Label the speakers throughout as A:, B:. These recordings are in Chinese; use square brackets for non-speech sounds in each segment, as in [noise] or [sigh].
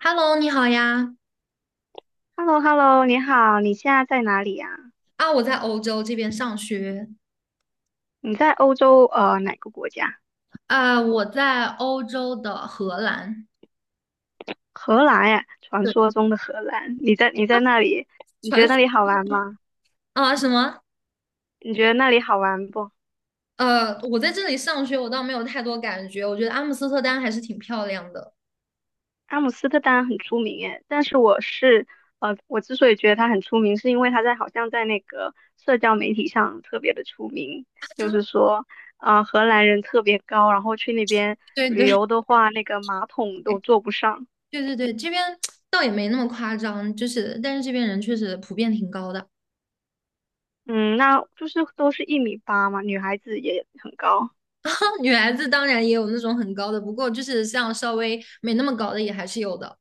A: Hello，你好呀！
B: h e l l o h e l l o 你好，你现在在哪里呀？
A: 啊，我在欧洲这边上学，
B: 你在欧洲哪个国家？
A: 啊，我在欧洲的荷兰。
B: 荷兰呀，传
A: 对，
B: 说中的荷兰。你在那里，你
A: 传
B: 觉得
A: 说。
B: 那里好玩吗？
A: 啊什么？
B: 你觉得那里好玩不？
A: 我在这里上学，我倒没有太多感觉。我觉得阿姆斯特丹还是挺漂亮的。
B: 阿姆斯特丹很出名诶，但是我是呃，我之所以觉得它很出名，是因为好像在那个社交媒体上特别的出名。就是说荷兰人特别高，然后去那边
A: 真的
B: 旅
A: 对对
B: 游的话，那个马桶都坐不上。
A: 对对对，这边倒也没那么夸张，就是但是这边人确实普遍挺高的。
B: 嗯，那就是都是1米8嘛，女孩子也很高。
A: [laughs] 女孩子当然也有那种很高的，不过就是像稍微没那么高的也还是有的。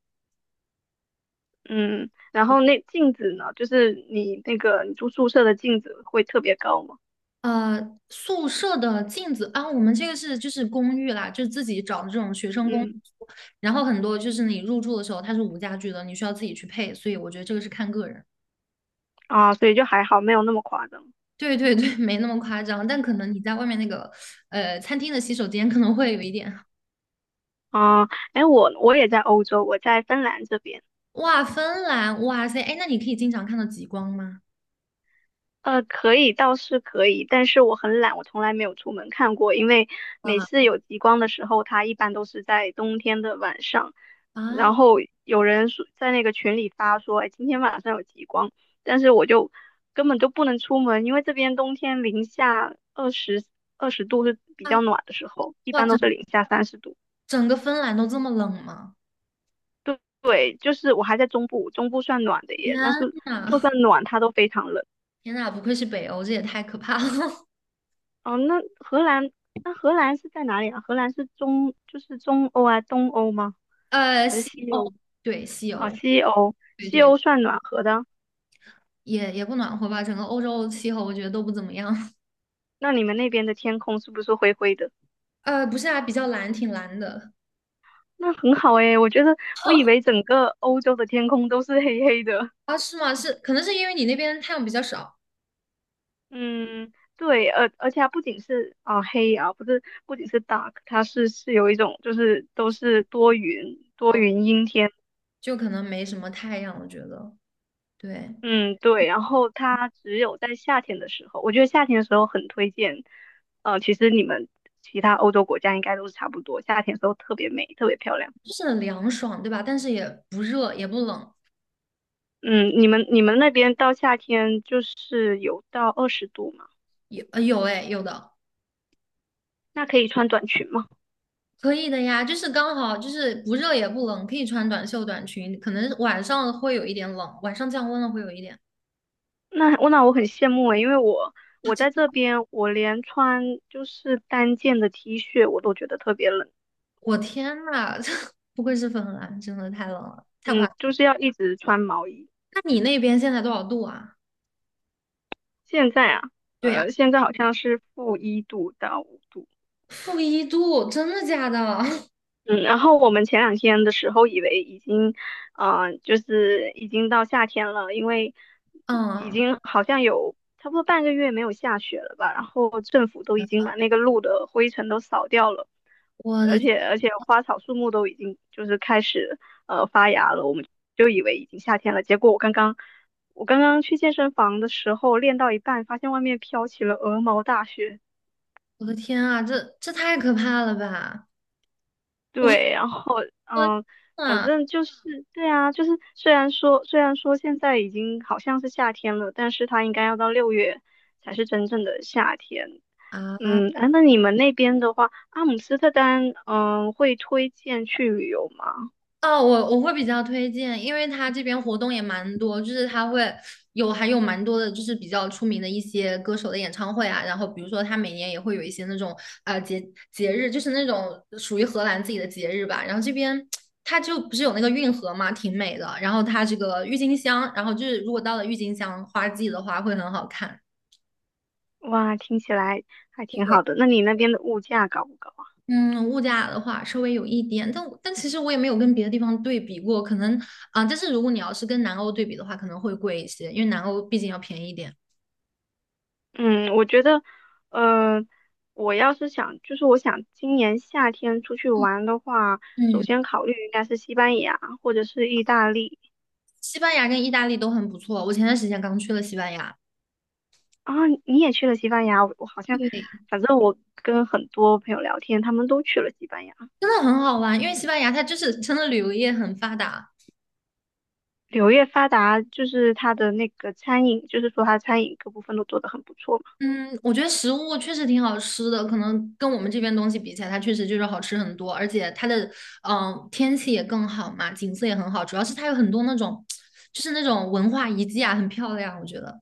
B: 嗯，然后那镜子呢，就是你那个你住宿舍的镜子会特别高嘛？
A: 宿舍的镜子啊，我们这个是就是公寓啦，就是自己找的这种学生公寓，
B: 嗯。
A: 然后很多就是你入住的时候它是无家具的，你需要自己去配，所以我觉得这个是看个人。
B: 啊，所以就还好，没有那么夸张。
A: 对对对，[laughs] 没那么夸张，但可能你在外面那个餐厅的洗手间可能会有一点。
B: 啊，哎，我也在欧洲，我在芬兰这边。
A: 哇，芬兰，哇塞，哎，那你可以经常看到极光吗？
B: 可以，倒是可以，但是我很懒，我从来没有出门看过。因为
A: 哇，
B: 每次有极光的时候，它一般都是在冬天的晚上，然
A: 啊，
B: 后有人说在那个群里发说：哎，今天晚上有极光。但是我就根本就不能出门，因为这边冬天零下二十度是比
A: 啊，
B: 较暖的时候，一
A: 哇，
B: 般都是零下30度。
A: 整个芬兰都这么冷吗？
B: 对，就是我还在中部，中部算暖的
A: 天
B: 耶，但是就
A: 呐，
B: 算暖，它都非常冷。
A: 天呐，不愧是北欧，这也太可怕了。[laughs]
B: 哦，那荷兰，那荷兰是在哪里啊？荷兰就是中欧啊，东欧吗？还是
A: 西
B: 西
A: 欧，
B: 欧？
A: 对，西
B: 哦，
A: 欧。
B: 西欧，
A: 对
B: 西
A: 对，
B: 欧算暖和的。
A: 也不暖和吧，整个欧洲气候我觉得都不怎么样。[laughs]
B: 那你们那边的天空是不是灰灰的？
A: 不是啊，比较蓝，挺蓝的。
B: 那很好诶。我觉得我以为整个欧洲的天空都是黑黑的。
A: 啊，是吗？是，可能是因为你那边太阳比较少，
B: 嗯，对，而它不仅是啊、黑啊，不仅是 dark，它是有一种就是都是多云多
A: 哦，
B: 云阴天。
A: 就可能没什么太阳，我觉得，对，
B: 嗯，对，然后它只有在夏天的时候，我觉得夏天的时候很推荐。呃，其实你们其他欧洲国家应该都是差不多，夏天的时候特别美，特别漂亮。
A: 就是很凉爽，对吧？但是也不热，也不冷，
B: 嗯，你们那边到夏天就是有到二十度嘛？
A: 有哎，有的
B: 那可以穿短裙吗？
A: 可以的呀，就是刚好就是不热也不冷，可以穿短袖短裙，可能晚上会有一点冷，晚上降温了会有一点。
B: 那我很羡慕诶，因为我在这边，我连穿就是单件的 T 恤我都觉得特别冷。
A: 我天呐，[laughs] 不愧是芬兰，真的太冷了，太夸
B: 嗯，
A: 张。
B: 就是要一直穿毛衣。
A: 那你那边现在多少度啊？
B: 现在啊。
A: 对呀。
B: 现在好像是-1度到5度。
A: -1度，真的假的？[laughs]
B: 嗯，然后我们前两天的时候以为已经，就是已经到夏天了，因为已
A: 嗯，
B: 经好像有差不多半个月没有下雪了吧，然后政府都已经把那个路的灰尘都扫掉了，
A: 我的
B: 而且花草树木都已经就是开始发芽了。我们就以为已经夏天了，结果我刚刚去健身房的时候练到一半，发现外面飘起了鹅毛大雪。
A: 我的天啊，这太可怕了吧！我
B: 对。然后
A: 我的
B: 嗯，
A: 天
B: 反
A: 啊，
B: 正就是，对啊，就是虽然说现在已经好像是夏天了，但是它应该要到6月才是真正的夏天。
A: 啊！
B: 嗯。啊，那你们那边的话，阿姆斯特丹，嗯，会推荐去旅游吗？
A: 哦，我会比较推荐，因为它这边活动也蛮多，就是它会有还有蛮多的，就是比较出名的一些歌手的演唱会啊。然后比如说，它每年也会有一些那种呃节节日，就是那种属于荷兰自己的节日吧。然后这边它就不是有那个运河嘛，挺美的。然后它这个郁金香，然后就是如果到了郁金香花季的话，会很好看。
B: 哇，听起来还挺好的。那你那边的物价高不高啊？
A: 嗯，物价的话稍微有一点，但其实我也没有跟别的地方对比过，可能啊、但是如果你要是跟南欧对比的话，可能会贵一些，因为南欧毕竟要便宜一点。
B: 嗯，我觉得，呃，我要是想，就是我想今年夏天出去玩的话，首
A: 嗯，
B: 先考虑应该是西班牙或者是意大利。
A: 西班牙跟意大利都很不错，我前段时间刚去了西班牙，
B: 啊，你也去了西班牙？我我好像，
A: 对，
B: 反正我跟很多朋友聊天，他们都去了西班牙。
A: 真的很好玩，因为西班牙它就是真的旅游业很发达，
B: 柳叶发达就是它的那个餐饮，就是说它餐饮各部分都做得很不错嘛。
A: 嗯，我觉得食物确实挺好吃的，可能跟我们这边东西比起来，它确实就是好吃很多，而且它的天气也更好嘛，景色也很好，主要是它有很多那种就是那种文化遗迹啊，很漂亮，我觉得。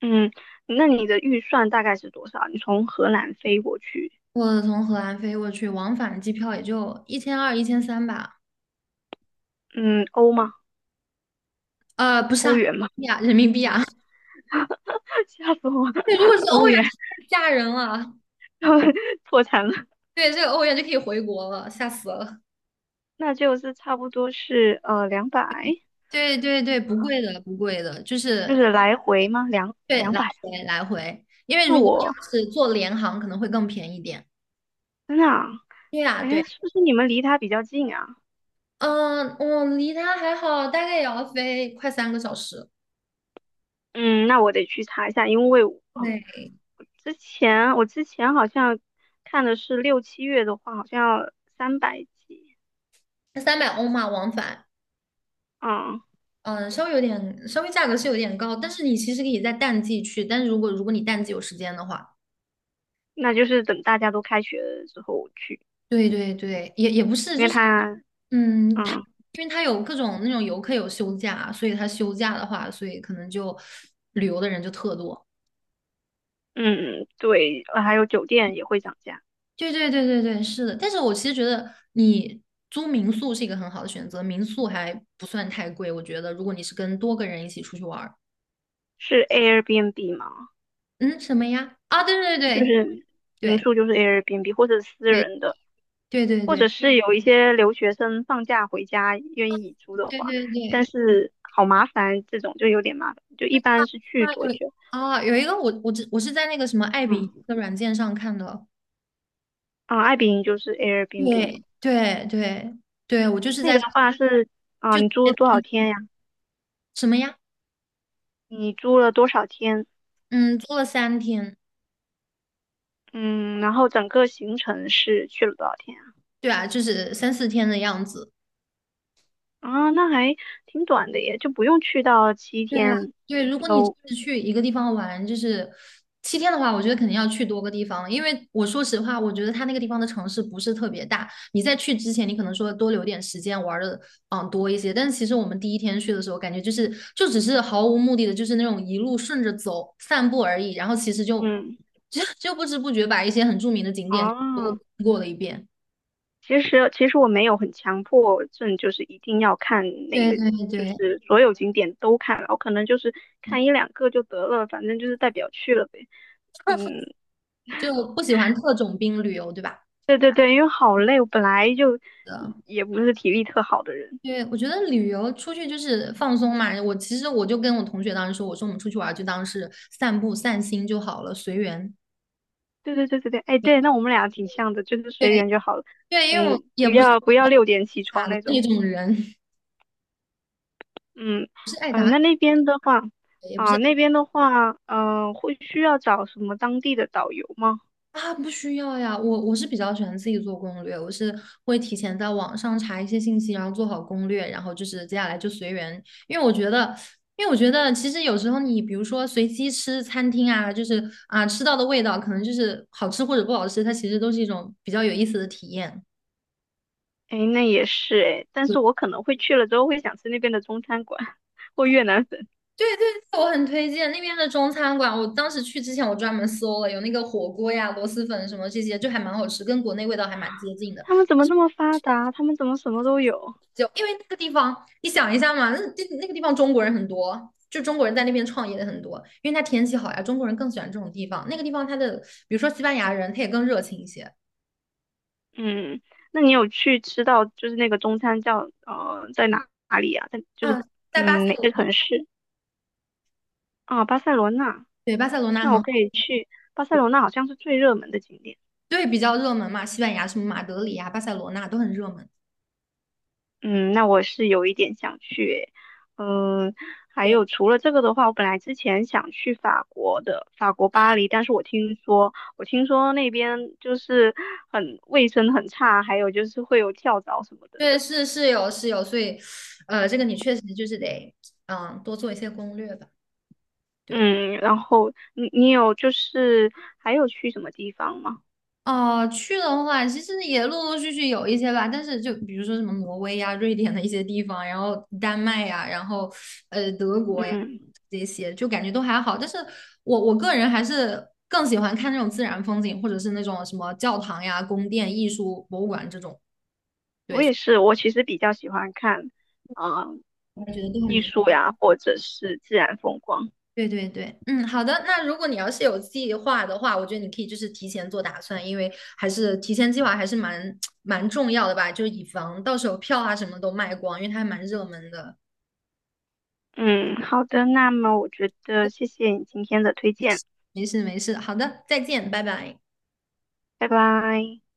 B: 嗯，那你的预算大概是多少？你从荷兰飞过去，
A: 我从荷兰飞过去，往返机票也就1200、1300吧，
B: 嗯，欧吗？
A: 不是啊，
B: 欧元吗？
A: 呀，人民币啊，
B: [laughs] 吓死我
A: [laughs]
B: 了。
A: 对，如果是
B: [laughs]
A: 欧
B: 欧
A: 元，
B: 元。
A: 太吓人了，
B: [laughs] 破产了。
A: 对，这个欧元就可以回国了，吓死了。
B: 那就是差不多是两百，两百
A: 对对对，不贵的，不贵的，就
B: 就
A: 是
B: 是来回吗？两
A: 对，
B: 两
A: 来
B: 百啊。
A: 回来回，因为
B: 那
A: 如果你
B: 我
A: 要是坐联航，可能会更便宜点。
B: 真的啊？
A: 对呀，
B: 哎，
A: 对，
B: 是不是你们离他比较近啊？
A: 嗯，我离它还好，大概也要飞快3个小时。
B: 嗯，那我得去查一下，因为
A: 对，
B: 我之前好像看的是6、7月的话，好像要300几。
A: 300欧嘛，往返，
B: 嗯，
A: 嗯，稍微有点，稍微价格是有点高，但是你其实可以在淡季去，但是如果你淡季有时间的话，
B: 那就是等大家都开学了之后我去，
A: 对对对，也也不是，
B: 因
A: 就
B: 为
A: 是
B: 它，
A: 嗯，
B: 嗯。
A: 因为它有各种那种游客有休假，所以它休假的话，所以可能就旅游的人就特多。
B: 嗯，对，还有酒店也会涨价。
A: 对对对对对，是的。但是我其实觉得你租民宿是一个很好的选择，民宿还不算太贵。我觉得如果你是跟多个人一起出去玩儿，
B: 是 Airbnb 吗？
A: 嗯，什么呀？啊，对对
B: 就
A: 对
B: 是民
A: 对
B: 宿就是 Airbnb 或者私
A: 对
B: 人的，
A: 对对
B: 或者
A: 对
B: 是有一些留学生放假回家愿意租的
A: 对
B: 话，
A: 对对
B: 但
A: 对，
B: 是好麻烦，这种就有点麻烦，就一般是去
A: 那
B: 多
A: 有
B: 久？
A: 啊，有一个我是在那个什么爱彼迎
B: 嗯。
A: 的软件上看的，
B: 啊，爱彼迎就是 Airbnb。
A: 对对对对，我就是
B: 那
A: 在
B: 个的
A: 这
B: 话是啊，你租多少
A: 就
B: 天呀？
A: 什么呀？
B: 你租了多少天？
A: 嗯，租了3天，
B: 嗯，然后整个行程是去了多少天啊？
A: 对啊，就是3、4天的样子。
B: 啊，那还挺短的耶，就不用去到七
A: 对呀，
B: 天
A: 对，
B: 一
A: 如果你只
B: 周。
A: 是去一个地方玩，就是7天的话，我觉得肯定要去多个地方，因为我说实话，我觉得它那个地方的城市不是特别大。你在去之前，你可能说多留点时间玩的，嗯，多一些。但是其实我们第一天去的时候，感觉就是就只是毫无目的的，就是那种一路顺着走散步而已。然后其实就
B: 嗯。
A: [laughs] 就不知不觉把一些很著名的景点都
B: 啊，
A: 过了一遍。
B: 其实我没有很强迫症，就是一定要看哪
A: 对
B: 个，
A: 对
B: 就
A: 对，
B: 是所有景点都看了，我可能就是看一两个就得了，反正就是代表去了呗。嗯，
A: 就不喜欢特种兵旅游，对吧？
B: 对对对，因为好累，我本来就
A: 的。
B: 也不是体力特好的人。
A: 对，我觉得旅游出去就是放松嘛。我其实我就跟我同学当时说，我说我们出去玩儿就当是散步散心就好了，随缘。
B: 对对对对对，哎，对，那我们俩挺像的，就是随
A: 对
B: 缘就好了。
A: 对，因为我
B: 嗯，
A: 也
B: 不
A: 不是
B: 要，不要6点起
A: 傻
B: 床
A: 的
B: 那
A: 那
B: 种。
A: 种人，
B: 嗯。嗯、那那边的话，
A: [laughs] 也不
B: 啊、
A: 是
B: 那边的话，嗯、会需要找什么当地的导游吗？
A: 啊，不需要呀。我是比较喜欢自己做攻略，我是会提前在网上查一些信息，然后做好攻略，然后就是接下来就随缘。因为我觉得，因为我觉得，其实有时候你比如说随机吃餐厅啊，就是啊吃到的味道可能就是好吃或者不好吃，它其实都是一种比较有意思的体验。
B: 哎，那也是哎，但是我可能会去了之后会想吃那边的中餐馆 [laughs] 或越南粉。
A: 对对对，我很推荐那边的中餐馆。我当时去之前，我专门搜了，有那个火锅呀、螺蛳粉什么这些，就还蛮好吃，跟国内味道还蛮接近的。
B: 他们怎么那么发达？他们怎么什么都有？
A: 就因为那个地方，你想一下嘛，那个地方中国人很多，就中国人在那边创业的很多，因为它天气好呀，中国人更喜欢这种地方。那个地方它的，比如说西班牙人，他也更热情一些。
B: 嗯，那你有去吃到就是那个中餐叫在哪里啊？在就是
A: 啊，在巴塞
B: 嗯哪个
A: 罗，
B: 城市啊？巴塞罗那。
A: 对，巴塞罗那
B: 那我
A: 很，
B: 可以去巴塞罗那，好像是最热门的景点。
A: 对，比较热门嘛，西班牙什么马德里呀、巴塞罗那都很热门。
B: 嗯，那我是有一点想去诶。嗯，还
A: 对
B: 有除了这个的话，我本来之前想去法国的，法国巴黎，但是我听说那边就是很卫生很差，还有就是会有跳蚤什么的。
A: 对，是是有是有，所以，这个你确实就是得，嗯，多做一些攻略吧。对，
B: 嗯，然后你有就是还有去什么地方吗？
A: 哦，去的话，其实也陆陆续续有一些吧，但是就比如说什么挪威呀、瑞典的一些地方，然后丹麦呀，然后德国呀
B: 嗯，
A: 这些，就感觉都还好。但是我个人还是更喜欢看那种自然风景，或者是那种什么教堂呀、宫殿、艺术博物馆这种，
B: 我也是，我其实比较喜欢看啊、呃
A: 我觉得都还
B: 艺
A: 蛮。
B: 术呀，或者是自然风光。
A: 对对对，嗯，好的。那如果你要是有计划的话，我觉得你可以就是提前做打算，因为还是提前计划还是[tsk] 蛮重要的吧，就是以防到时候票啊什么都卖光，因为它还蛮热门的。
B: 嗯，好的，那么我觉得谢谢你今天的推荐。
A: 没事没事，好的，再见，拜拜。
B: 拜拜。